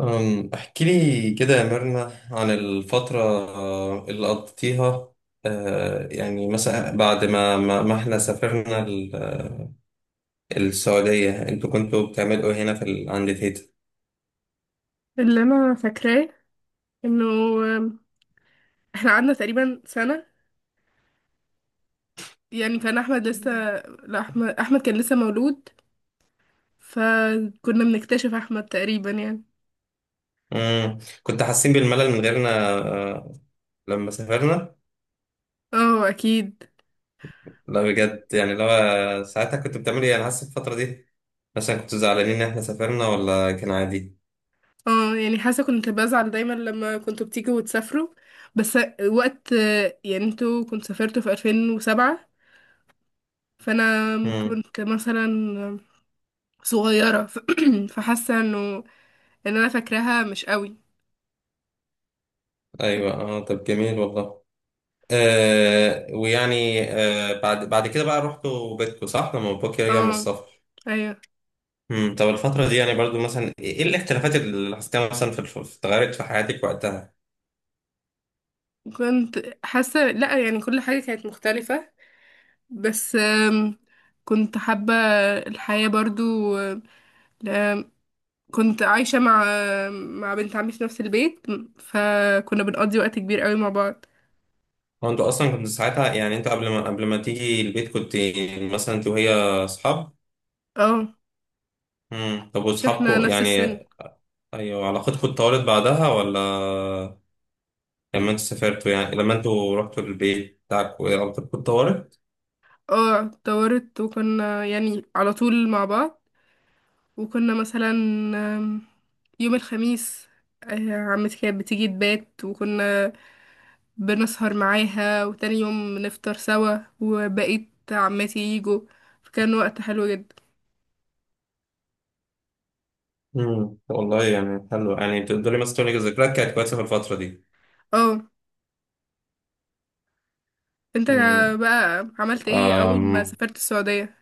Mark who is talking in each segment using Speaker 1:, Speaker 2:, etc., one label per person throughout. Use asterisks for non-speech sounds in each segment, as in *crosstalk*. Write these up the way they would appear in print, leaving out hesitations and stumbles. Speaker 1: احكي لي كده يا ميرنا عن الفترة، اللي قضيتيها. يعني مثلا بعد ما احنا سافرنا السعودية، انتوا كنتوا بتعملوا إيه هنا عند تيتا؟
Speaker 2: اللي انا فاكراه انه احنا قعدنا تقريبا سنة. يعني كان احمد لسه، لا، احمد كان لسه مولود. فكنا بنكتشف احمد تقريبا يعني.
Speaker 1: كنت حاسين بالملل من غيرنا آه، لما سافرنا؟
Speaker 2: اه اكيد.
Speaker 1: لا، بجد، يعني لو ساعتها كنت بتعملوا ايه، انا حاسس الفترة دي مثلا كنتوا زعلانين ان احنا سافرنا ولا كان عادي؟
Speaker 2: اه يعني حاسة كنت بزعل دايما لما كنتوا بتيجوا وتسافروا، بس وقت، يعني انتوا كنتوا سافرتوا في 2007، فانا
Speaker 1: مم،
Speaker 2: كنت مثلا صغيرة *clears throat* فحاسة ان انا فاكراها مش قوي. فاك-
Speaker 1: ايوه، اه، طب جميل والله. ويعني، بعد كده بقى رحتوا بيتكو، صح؟ لما باباك رجع من
Speaker 2: اه
Speaker 1: السفر.
Speaker 2: ايوه.
Speaker 1: طب الفترة دي يعني برضو مثلا إيه الاختلافات اللي حسيتها مثلا في اتغيرت في حياتك وقتها؟
Speaker 2: كنت حاسة، لا، يعني كل حاجة كانت مختلفة، بس كنت حابة الحياة برضو. آم، آم، كنت عايشة مع بنت عمي في نفس البيت، فكنا بنقضي وقت كبير قوي مع بعض.
Speaker 1: هو انتوا اصلا كنتوا ساعتها، يعني انتوا قبل ما تيجي البيت، كنت مثلا انت وهي اصحاب؟
Speaker 2: اه.
Speaker 1: طب،
Speaker 2: مش احنا
Speaker 1: واصحابكم
Speaker 2: نفس
Speaker 1: يعني؟
Speaker 2: السن.
Speaker 1: ايوه، علاقتكم اتطورت بعدها ولا لما انتوا سافرتوا، يعني لما انتوا رحتوا البيت بتاعكم علاقتكم اتطورت؟
Speaker 2: اه، اتطورت وكنا يعني على طول مع بعض، وكنا مثلا آم، يوم الخميس عمتي كانت بتيجي تبات، وكنا بنسهر معاها وتاني يوم نفطر سوا وبقيت عماتي يجوا، فكان وقت حلو جدا.
Speaker 1: والله يعني حلو. يعني تقدري مثلا تقولي ذكريات كانت كويسة في الفترة دي؟
Speaker 2: اه. انت
Speaker 1: مم.
Speaker 2: بقى عملت ايه اول ما
Speaker 1: أم،
Speaker 2: سافرت السعودية؟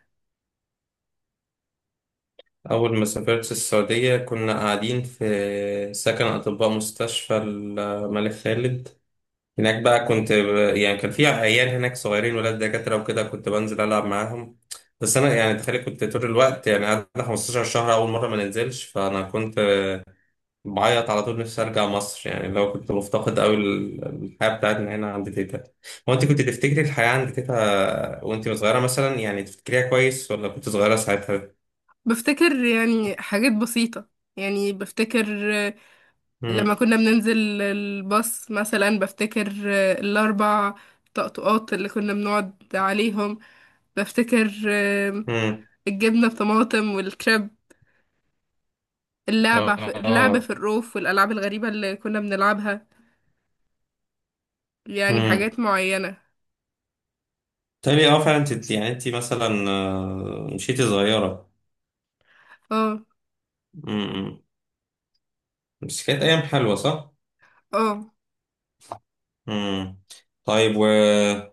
Speaker 1: أول ما سافرت السعودية كنا قاعدين في سكن أطباء مستشفى الملك خالد. هناك بقى كنت يعني كان في عيال هناك صغيرين ولاد دكاترة وكده، كنت بنزل ألعب معاهم. بس أنا يعني تخيل كنت طول الوقت، يعني قعدت 15 شهر أول مرة ما ننزلش، فأنا كنت بعيط على طول، نفسي أرجع مصر يعني، لو كنت مفتقد أوي الحياة بتاعتنا هنا عند تيتا. هو أنت كنت تفتكري الحياة عند تيتا وأنت صغيرة مثلا؟ يعني تفتكريها كويس ولا كنت صغيرة ساعتها؟
Speaker 2: بفتكر يعني حاجات بسيطة، يعني بفتكر لما
Speaker 1: مم.
Speaker 2: كنا بننزل الباص مثلا، بفتكر الاربع طقطقات اللي كنا بنقعد عليهم، بفتكر
Speaker 1: امم
Speaker 2: الجبنة بطماطم والكريب، اللعب في
Speaker 1: اه
Speaker 2: الروف والألعاب الغريبة اللي كنا بنلعبها. يعني
Speaker 1: امم
Speaker 2: حاجات معينة.
Speaker 1: تالي، اه، فعلا انت يعني انت مثلا مشيتي صغيرة.
Speaker 2: اه،
Speaker 1: امم بس كانت ايام حلوة، صح؟
Speaker 2: اه.
Speaker 1: امم طيب، وكان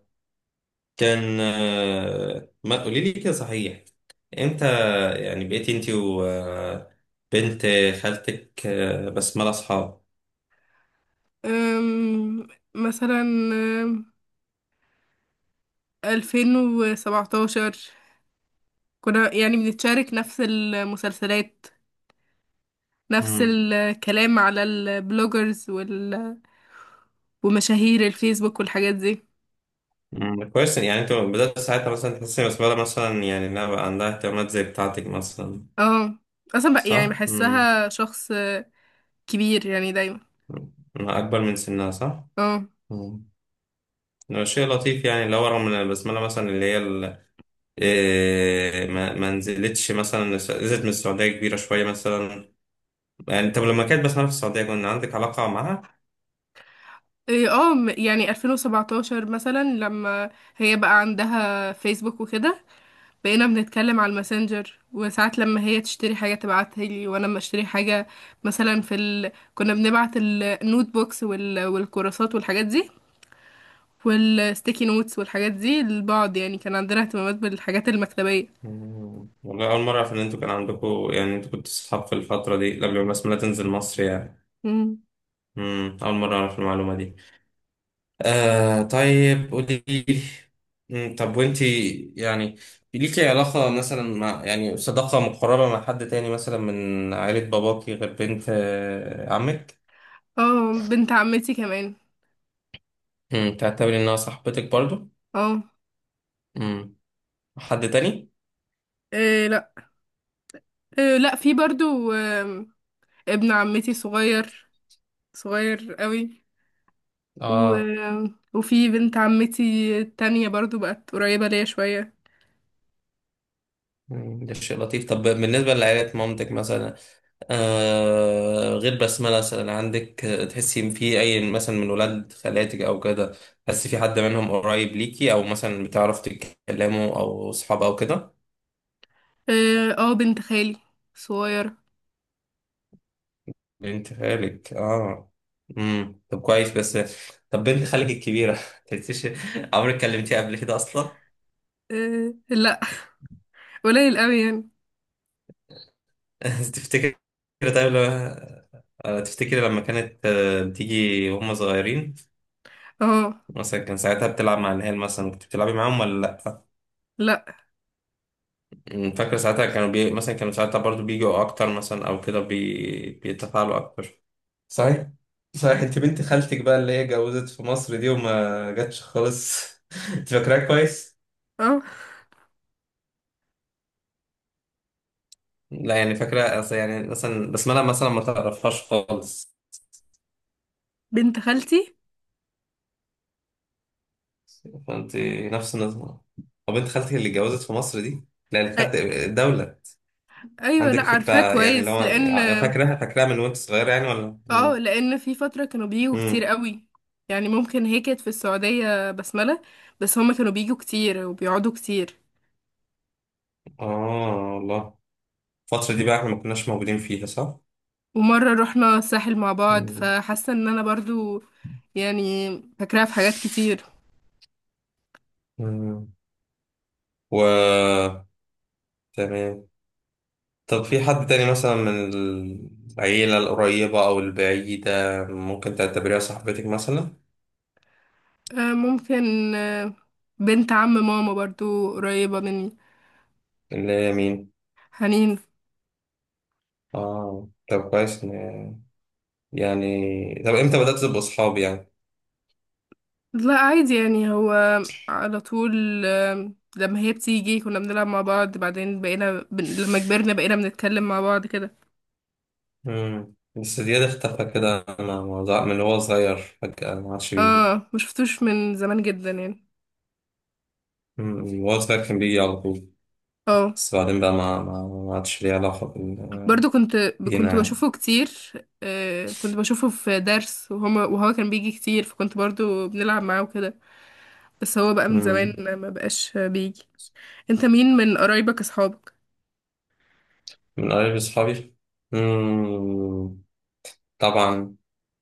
Speaker 1: ما قولي لي كده صحيح، امتى يعني بقيتي انت وبنت خالتك بسملة اصحاب؟
Speaker 2: أم، مثلا ألفين وسبعتاشر كنا يعني بنتشارك نفس المسلسلات، نفس
Speaker 1: امم
Speaker 2: الكلام على البلوجرز ومشاهير الفيسبوك والحاجات دي.
Speaker 1: أمم، كويس. يعني انت بدأت ساعتها مثلا تحسي إن بسملة مثلا يعني انها بقى عندها اهتمامات زي بتاعتك مثلا،
Speaker 2: اه، اصلا بقى يعني
Speaker 1: صح؟
Speaker 2: بحسها شخص كبير يعني دايما.
Speaker 1: أمم، اكبر من سنها، صح؟
Speaker 2: اه.
Speaker 1: مم. هو شيء لطيف، يعني اللي هو رغم ان البسمله مثلا اللي هي ال- إيه، ما نزلتش مثلا، نزلت من السعوديه كبيره شويه مثلا. يعني طب لما كانت بسمله في السعوديه كان عندك علاقه معاها؟
Speaker 2: إيه، اه، يعني 2017 مثلا لما هي بقى عندها فيسبوك وكده، بقينا بنتكلم على الماسنجر، وساعات لما هي تشتري حاجة تبعتها لي، وانا لما اشتري حاجة مثلا كنا بنبعت النوت بوكس والكراسات والحاجات دي والستيكي نوتس والحاجات دي لبعض. يعني كان عندنا اهتمامات بالحاجات المكتبية.
Speaker 1: مم. والله، اول مره اعرف ان انتوا كان عندكم، يعني انتوا كنتوا صحاب في الفتره دي قبل ما البسمله تنزل مصر يعني.
Speaker 2: مم.
Speaker 1: مم. اول مره اعرف المعلومه دي. طيب قولي لي. طب وانتي يعني ليكي علاقة مثلا، مع، يعني صداقة مقربة مع حد تاني مثلا من عائلة باباكي غير بنت عمك؟
Speaker 2: اه، بنت عمتي كمان.
Speaker 1: تعتبري انها صاحبتك برضو؟
Speaker 2: اه،
Speaker 1: مم، حد تاني؟
Speaker 2: إيه، لا، إيه، لا، في برضو ابن عمتي صغير، صغير قوي،
Speaker 1: اه.
Speaker 2: و... وفي بنت عمتي التانية برضو بقت قريبة ليا شوية.
Speaker 1: مم، ده شيء لطيف. طب بالنسبة لعائلة مامتك مثلا، غير بسملة مثلا، عندك تحسي إن في أي مثلا من ولاد خالاتك أو كده، تحسي في حد منهم قريب ليكي أو مثلا بتعرف تتكلموا أو صحاب أو كده؟
Speaker 2: اه. بنت خالي صغيرة.
Speaker 1: بنت خالك. طب كويس. بس طب بنت خالك الكبيرة *laughs* تحسيش، عمرك كلمتيها قبل كده أصلا؟
Speaker 2: اه، لا، قليل قوي يعني.
Speaker 1: *laughs* تفتكر؟ طيب لما تفتكري لما كانت بتيجي وهم صغيرين،
Speaker 2: اه،
Speaker 1: مثلا كان ساعتها بتلعب مع العيال، مثلا كنت بتلعبي معاهم ولا لأ؟
Speaker 2: لا.
Speaker 1: فاكر ساعتها كانوا مثلا كانوا ساعتها برضو بيجوا اكتر مثلا او كده بيتفاعلوا اكتر. صحيح. صحيح، انت بنت خالتك بقى اللي هي اتجوزت في مصر دي وما جاتش خالص. *laughs* انت فاكراها كويس؟
Speaker 2: اه،
Speaker 1: لا، يعني فاكرة أصل يعني مثلا، بس أنا مثلا ما تعرفهاش خالص.
Speaker 2: بنت خالتي.
Speaker 1: فأنت نفس النظام. طب بنت خالتك اللي اتجوزت في مصر دي، لا، اللي
Speaker 2: أي،
Speaker 1: خدت الدولة.
Speaker 2: ايوه، لا،
Speaker 1: عندك فكرة؟
Speaker 2: عارفاه
Speaker 1: يعني اللي
Speaker 2: كويس
Speaker 1: هو
Speaker 2: لان
Speaker 1: يعني فاكراها من وأنت صغير يعني، ولا؟
Speaker 2: اه
Speaker 1: مم.
Speaker 2: لان في فترة كانوا بيجوا كتير
Speaker 1: مم.
Speaker 2: قوي، يعني ممكن هي كانت في السعودية بسملة، بس هما كانوا بيجوا كتير وبيقعدوا كتير.
Speaker 1: والله الفترة دي بقى إحنا ما كناش موجودين فيها، صح؟
Speaker 2: ومرة رحنا الساحل مع بعض
Speaker 1: مم.
Speaker 2: فحاسة ان انا برضو يعني فاكراها في حاجات كتير.
Speaker 1: مم. و تمام. طب في حد تاني مثلا من العيلة القريبة أو البعيدة ممكن تعتبريها صاحبتك مثلا؟
Speaker 2: ممكن. آه، بنت عم ماما برضو قريبة مني.
Speaker 1: اللي هي مين؟
Speaker 2: حنين.
Speaker 1: طب كويس يعني. طب إمتى بدأت تبقوا صحاب يعني؟
Speaker 2: لا عادي يعني، هو على طول لما هي بتيجي كنا بنلعب مع بعض، بعدين لما كبرنا بقينا بنتكلم مع بعض كده.
Speaker 1: مم. بس دياد اختفى كده، أنا من هو صغير فجأة ما عادش بيجي.
Speaker 2: اه، ما شفتوش من زمان جدا يعني.
Speaker 1: مم. وهو صغير كان بيجي على طول،
Speaker 2: اه،
Speaker 1: بس بعدين بقى ما عادش ليه علاقة
Speaker 2: برضو كنت
Speaker 1: بينا يعني.
Speaker 2: بشوفه كتير، كنت بشوفه في درس، وهو كان بيجي كتير فكنت برضو بنلعب معاه وكده. بس هو بقى من زمان
Speaker 1: مم.
Speaker 2: ما بقاش بيجي. انت مين من قرايبك اصحابك؟
Speaker 1: من قرايب أصحابي، مم، طبعا،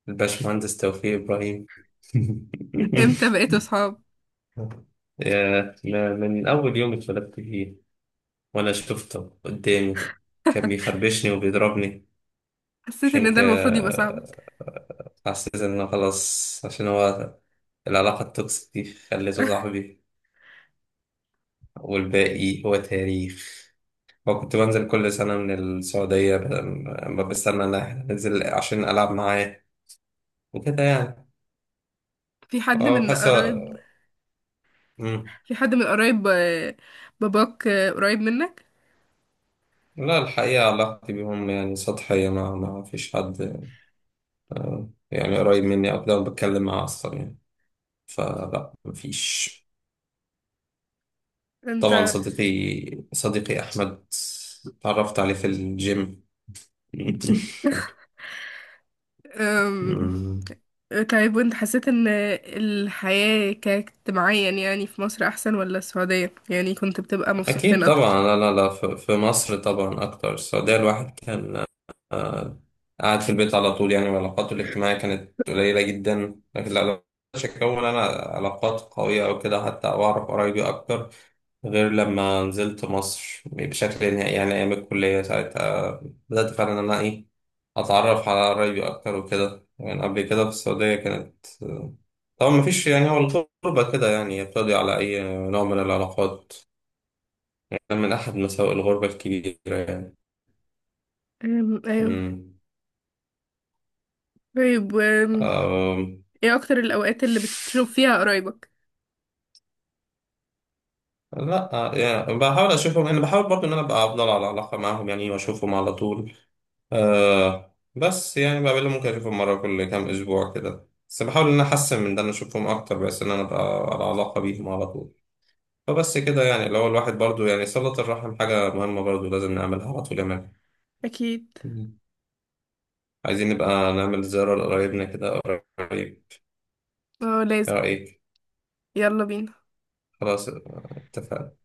Speaker 1: الباشمهندس توفيق إبراهيم. *laughs*
Speaker 2: امتى بقيتوا اصحاب؟
Speaker 1: من أول يوم اتولدت فيه وأنا شفته قدامي كان بيخربشني وبيضربني.
Speaker 2: حسيت
Speaker 1: عشان
Speaker 2: ان ده
Speaker 1: كده
Speaker 2: المفروض يبقى صعب.
Speaker 1: حسيت إنه خلاص، عشان هو العلاقة التوكسيك دي خليته صاحبي. والباقي هو تاريخ. وكنت بنزل كل سنة من السعودية ما بستنى إن إحنا ننزل عشان ألعب معاه وكده يعني.
Speaker 2: في حد
Speaker 1: اه،
Speaker 2: من
Speaker 1: بحس.
Speaker 2: قرايب
Speaker 1: مم.
Speaker 2: في حد من قرايب باباك قريب منك
Speaker 1: لا، الحقيقة علاقتي بيهم يعني سطحية، ما فيش حد يعني قريب مني أو كده وبتكلم معاه أصلا يعني. فلا، ما فيش.
Speaker 2: انت؟
Speaker 1: طبعا، صديقي أحمد، اتعرفت عليه في الجيم. *laughs*
Speaker 2: أم،
Speaker 1: مم.
Speaker 2: طيب وانت حسيت ان الحياة كاجتماعيا يعني في مصر احسن ولا السعودية؟ يعني كنت بتبقى مبسوط فين
Speaker 1: أكيد
Speaker 2: اكتر؟
Speaker 1: طبعا، لا لا لا، في مصر طبعا أكتر. السعودية الواحد كان آه، قاعد في البيت على طول يعني، وعلاقاته الاجتماعية كانت قليلة جدا. لكن لا، مش أكون أنا علاقات قوية أو كده حتى، أو أعرف قرايبي أكتر، غير لما نزلت مصر بشكل نهائي، يعني أيام الكلية ساعتها بدأت فعلا إن أنا أتعرف على قرايبي أكتر وكده يعني. قبل كده في السعودية كانت طبعا مفيش، يعني هو الغربة كده يعني بتقضي على أي نوع من العلاقات. كان من أحد مساوئ الغربة الكبيرة يعني.
Speaker 2: ايوه.
Speaker 1: مم.
Speaker 2: طيب.
Speaker 1: أم.
Speaker 2: ايه اكتر الاوقات اللي بتشوف فيها قرايبك؟
Speaker 1: لا يعني بحاول اشوفهم، انا بحاول برضو ان انا ابقى افضل على علاقه معاهم يعني واشوفهم على طول. بس يعني بقابلهم، ممكن اشوفهم مره كل كام اسبوع كده، بس بحاول ان انا احسن من ده ان اشوفهم اكتر، بس ان انا ابقى على علاقه بيهم على طول. فبس كده يعني، اللي هو الواحد برضو يعني صله الرحم حاجه مهمه برضو لازم نعملها على طول يا مان.
Speaker 2: اكيد.
Speaker 1: مم. عايزين نبقى نعمل زياره لقرايبنا كده قريب. ايه
Speaker 2: اه لازم.
Speaker 1: رايك؟
Speaker 2: يلا بينا.
Speaker 1: خلاص اتفقنا.